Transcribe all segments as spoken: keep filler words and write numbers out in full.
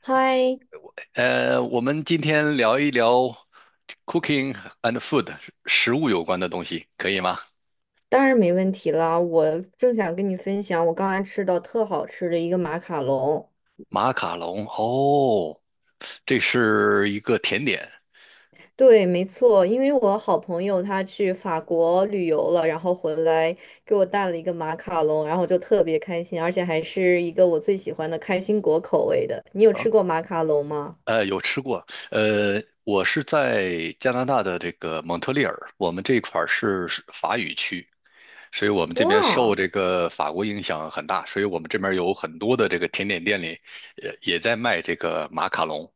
嗨，呃，我们今天聊一聊 cooking and food 食物有关的东西，可以吗？当然没问题啦！我正想跟你分享我刚才吃到特好吃的一个马卡龙。马卡龙，哦，这是一个甜点对，没错，因为我好朋友他去法国旅游了，然后回来给我带了一个马卡龙，然后我就特别开心，而且还是一个我最喜欢的开心果口味的。你有啊，吃过马卡龙吗？呃，有吃过。呃，我是在加拿大的这个蒙特利尔，我们这块儿是法语区，所以我们这边受哇这个法国影响很大，所以我们这边有很多的这个甜点店里，也也在卖这个马卡龙。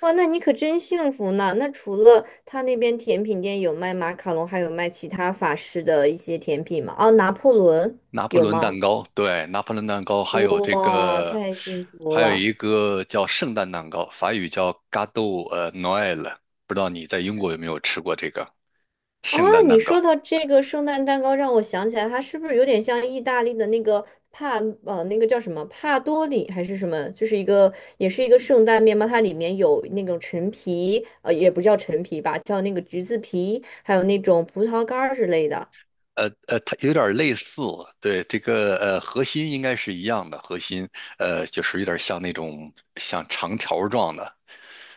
哇，那你可真幸福呢！那除了他那边甜品店有卖马卡龙，还有卖其他法式的一些甜品吗？哦，拿破仑拿破有仑蛋吗？糕，对，拿破仑蛋糕，还有这哇，个，太幸福还有了一个叫圣诞蛋糕，法语叫 Gâteau 呃 Noël，不知道你在英国有没有吃过这个啊！圣诞你蛋糕？说到这个圣诞蛋糕，让我想起来，它是不是有点像意大利的那个帕呃那个叫什么帕多里还是什么？就是一个也是一个圣诞面包，它里面有那种陈皮，呃，也不叫陈皮吧，叫那个橘子皮，还有那种葡萄干儿之类的。呃呃，它有点类似，对，这个呃核心应该是一样的，核心呃就是有点像那种像长条状的，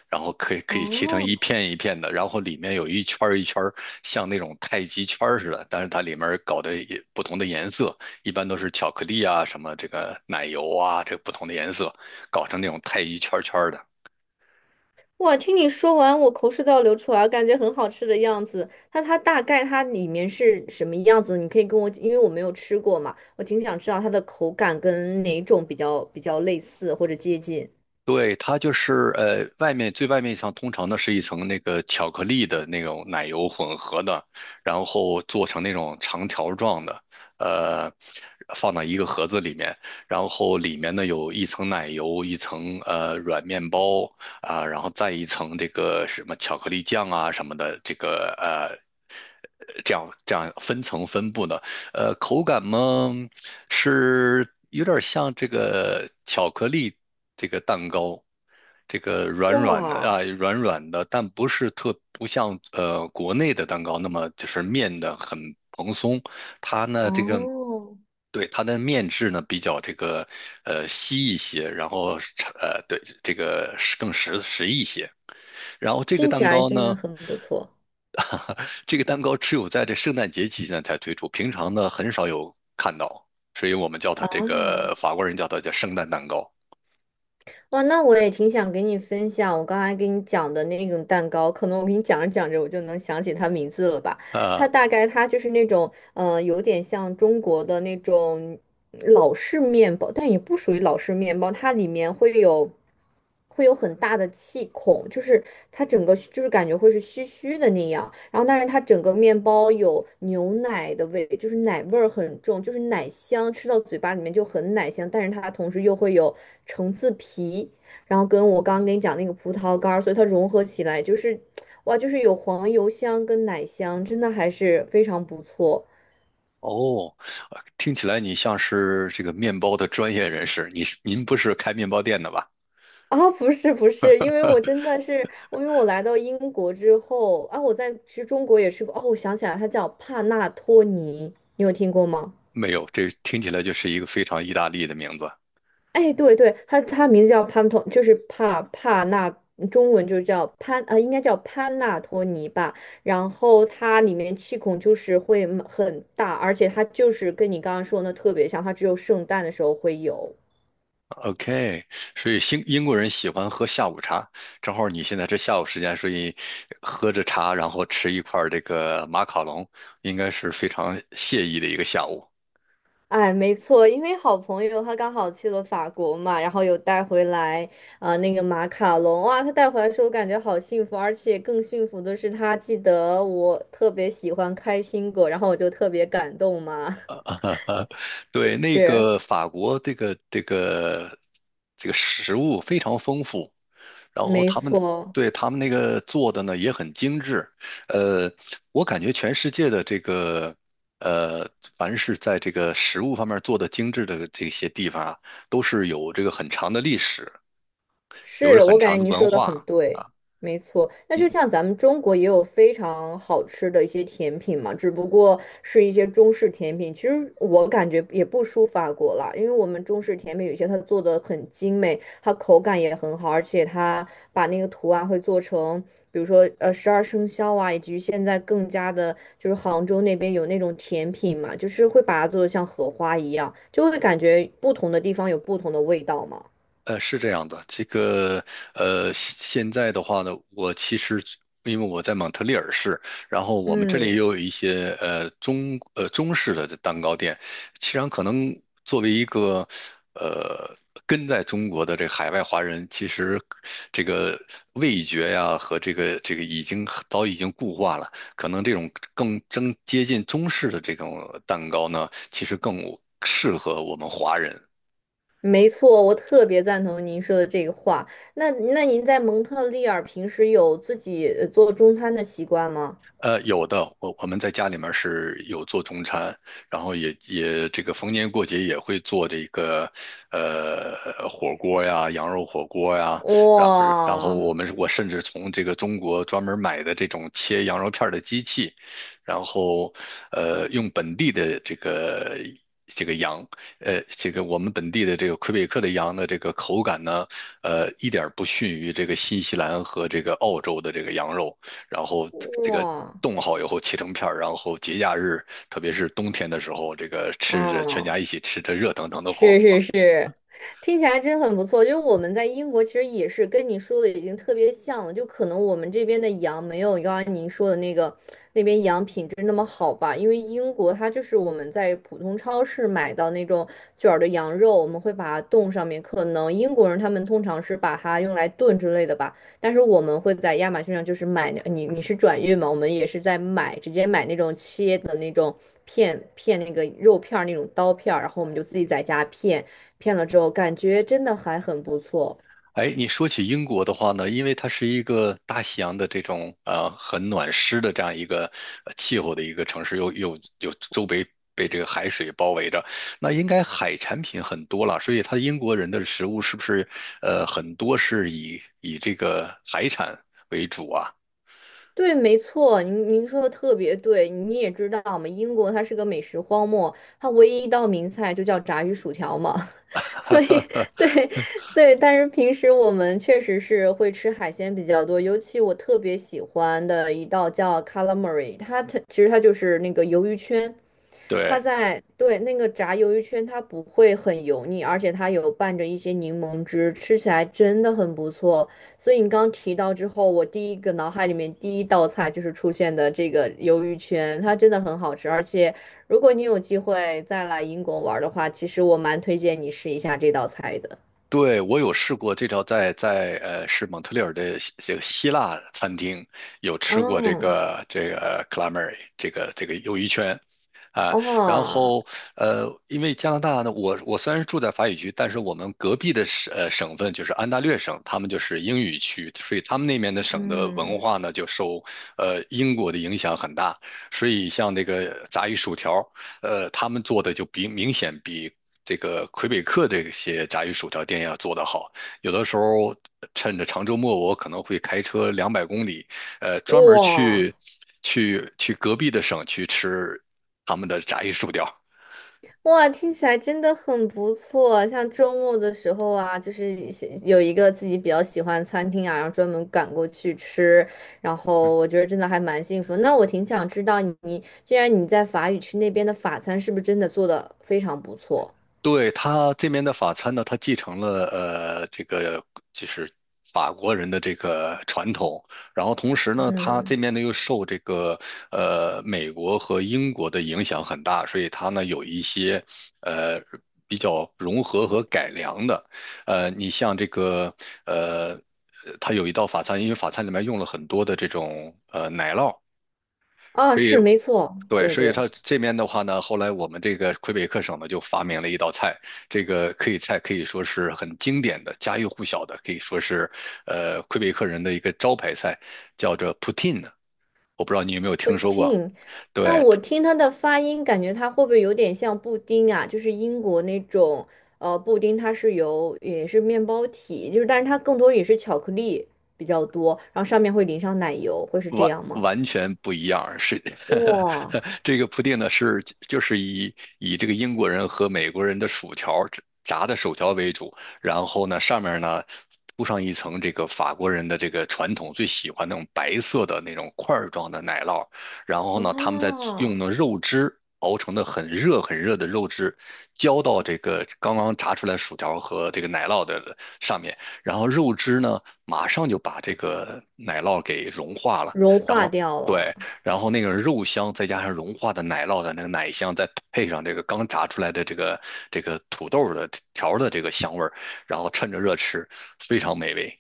然后可以可以切成一哦，片一片的，然后里面有一圈儿一圈儿像那种太极圈儿似的，但是它里面搞的也不同的颜色，一般都是巧克力啊，什么这个奶油啊，这不同的颜色搞成那种太极圈圈的。哇，听你说完，我口水都要流出来了，感觉很好吃的样子。那它大概它里面是什么样子？你可以跟我，因为我没有吃过嘛，我挺想知道它的口感跟哪种比较比较类似或者接近。对，它就是呃，外面最外面一层通常呢是一层那个巧克力的那种奶油混合的，然后做成那种长条状的，呃，放到一个盒子里面，然后里面呢有一层奶油，一层呃软面包啊，然后再一层这个什么巧克力酱啊什么的，这个呃。这样这样分层分布的，呃，口感嘛，是有点像这个巧克力这个蛋糕，这个软软的哇，啊，软软的，但不是特不像呃国内的蛋糕那么就是面的很蓬松，它呢这个。哦，对，它的面质呢比较这个，呃稀一些，然后是呃对这个是更实实一些。然后这个听起蛋来糕真呢，的很不错这个蛋糕只有在这圣诞节期间才推出，平常呢很少有看到，所以我们叫它啊！这个法国人叫它叫圣诞蛋糕哇，那我也挺想给你分享我刚才给你讲的那种蛋糕，可能我给你讲着讲着我就能想起它名字了吧。它啊。大概它就是那种嗯、呃有点像中国的那种老式面包，但也不属于老式面包，它里面会有会有很大的气孔，就是它整个就是感觉会是虚虚的那样。然后，但是它整个面包有牛奶的味，就是奶味儿很重，就是奶香，吃到嘴巴里面就很奶香，但是它同时又会有橙子皮，然后跟我刚刚跟你讲那个葡萄干儿，所以它融合起来就是。哇，就是有黄油香跟奶香，真的还是非常不错。哦，呃听起来你像是这个面包的专业人士，你是您不是开面包店的吧？哦，不是不是，因为我真的是，我因为我来到英国之后啊，我在其实中国也吃过哦，我想起来，它叫帕纳托尼，你有听过吗？没有，这听起来就是一个非常意大利的名字。哎，对对，它它名字叫潘托，就是帕帕纳，中文就是叫潘，呃，应该叫潘纳托尼吧。然后它里面气孔就是会很大，而且它就是跟你刚刚说的那特别像，它只有圣诞的时候会有。OK，所以英英国人喜欢喝下午茶，正好你现在这下午时间，所以喝着茶，然后吃一块儿这个马卡龙，应该是非常惬意的一个下午。哎，没错，因为好朋友他刚好去了法国嘛，然后有带回来啊、呃那个马卡龙，哇，他带回来的时候我感觉好幸福，而且更幸福的是他记得我特别喜欢开心果，然后我就特别感动嘛，对，那是，个法国这个这个这个食物非常丰富，然后没他们错。对他们那个做的呢也很精致。呃，我感觉全世界的这个呃，凡是在这个食物方面做的精致的这些地方啊，都是有这个很长的历史，有着是，很我感长觉的您文说的很化对，啊。没错。那就像咱们中国也有非常好吃的一些甜品嘛，只不过是一些中式甜品。其实我感觉也不输法国啦，因为我们中式甜品有些它做的很精美，它口感也很好，而且它把那个图案会做成，比如说呃十二生肖啊，以及现在更加的就是杭州那边有那种甜品嘛，就是会把它做的像荷花一样，就会感觉不同的地方有不同的味道嘛。呃，是这样的，这个呃，现在的话呢，我其实因为我在蒙特利尔市，然后我们这里也嗯。有一些呃中呃中式的蛋糕店，其实可能作为一个呃跟在中国的这海外华人，其实这个味觉呀和这个这个已经早已经固化了，可能这种更更接近中式的这种蛋糕呢，其实更适合我们华人。没错，我特别赞同您说的这个话。那那您在蒙特利尔平时有自己呃做中餐的习惯吗？呃，有的，我我们在家里面是有做中餐，然后也也这个逢年过节也会做这个，呃，火锅呀，羊肉火锅呀，然然后哇我们我甚至从这个中国专门买的这种切羊肉片儿的机器，然后呃用本地的这个这个羊，呃这个我们本地的这个魁北克的羊的这个口感呢，呃一点儿不逊于这个新西兰和这个澳洲的这个羊肉。然后这这个哇冻好以后切成片儿，然后节假日，特别是冬天的时候，这个吃着全啊！家一起吃着热腾腾的火是锅。是是，听起来真很不错。就是我们在英国其实也是跟你说的已经特别像了，就可能我们这边的羊没有刚刚您说的那个那边羊品质那么好吧，因为英国它就是我们在普通超市买到那种卷儿的羊肉，我们会把它冻上面，可能英国人他们通常是把它用来炖之类的吧。但是我们会在亚马逊上就是买你你是转运嘛？我们也是在买，直接买那种切的那种片片那个肉片儿那种刀片儿，然后我们就自己在家片，片了之后感觉真的还很不错。哎，你说起英国的话呢，因为它是一个大西洋的这种呃很暖湿的这样一个呃气候的一个城市，又又又周围被这个海水包围着，那应该海产品很多了，所以它英国人的食物是不是呃很多是以以这个海产为主啊？对，没错，您您说的特别对。你也知道嘛，英国它是个美食荒漠，它唯一一道名菜就叫炸鱼薯条嘛。所以，对 对，但是平时我们确实是会吃海鲜比较多，尤其我特别喜欢的一道叫 calamari，它它其实它就是那个鱿鱼圈，它对。在，对，那个炸鱿鱼圈，它不会很油腻，而且它有拌着一些柠檬汁，吃起来真的很不错。所以你刚提到之后，我第一个脑海里面第一道菜就是出现的这个鱿鱼圈，它真的很好吃。而且如果你有机会再来英国玩儿的话，其实我蛮推荐你试一下这道菜的。对，我有试过这条在，在呃是蒙特利尔的希这个希腊餐厅有吃过这哦，个这个 calamari 这个这个鱿鱼圈啊，然哦，后呃，因为加拿大呢，我我虽然是住在法语区，但是我们隔壁的省呃省份就是安大略省，他们就是英语区，所以他们那边的省的文嗯，化呢就受呃英国的影响很大，所以像那个炸鱼薯条，呃，他们做的就比明显比这个魁北克这些炸鱼薯条店要做得好。有的时候趁着长周末，我可能会开车两百公里，呃，专门哇。去去去隔壁的省去吃他们的炸鱼薯条。哇，听起来真的很不错。像周末的时候啊，就是一些有一个自己比较喜欢的餐厅啊，然后专门赶过去吃，然后我觉得真的还蛮幸福。那我挺想知道你，既然你在法语区那边的法餐是不是真的做的非常不错？对，他这边的法餐呢，他继承了呃这个就是法国人的这个传统，然后同时呢，他这嗯，边呢又受这个呃美国和英国的影响很大，所以他呢有一些呃比较融合和改良的，呃，你像这个呃，它有一道法餐，因为法餐里面用了很多的这种呃奶酪。啊，所以是没错，对，对所以对。它这边的话呢，后来我们这个魁北克省呢就发明了一道菜，这个可以菜可以说是很经典的、家喻户晓的，可以说是呃魁北克人的一个招牌菜，叫做 poutine。我不知道你有没有不听说过？听，那对，我听它的发音，感觉它会不会有点像布丁啊？就是英国那种，呃，布丁它是由也是面包体，就是但是它更多也是巧克力比较多，然后上面会淋上奶油，会是这完样吗？完全不一样，是 哇，这个铺垫呢是就是以以这个英国人和美国人的薯条炸的薯条为主，然后呢上面呢铺上一层这个法国人的这个传统最喜欢那种白色的那种块儿状的奶酪，然后呢他们再用啊，的肉汁熬成的很热很热的肉汁浇到这个刚刚炸出来薯条和这个奶酪的上面，然后肉汁呢马上就把这个奶酪给融化了。融然化后掉对，了，然后那个肉香再加上融化的奶酪的那个奶香，再配上这个刚炸出来的这个这个土豆的条儿的这个香味儿，然后趁着热吃，非常美味。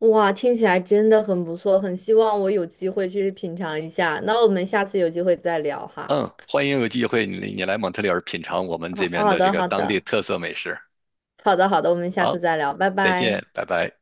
哇，听起来真的很不错，很希望我有机会去品尝一下。那我们下次有机会再聊哈。嗯，欢迎有机会你你来蒙特利尔品尝我们这好，边好的这的，个好当地的，特色美食。好的，好的，我们下好，次再聊，拜再拜。见，拜拜。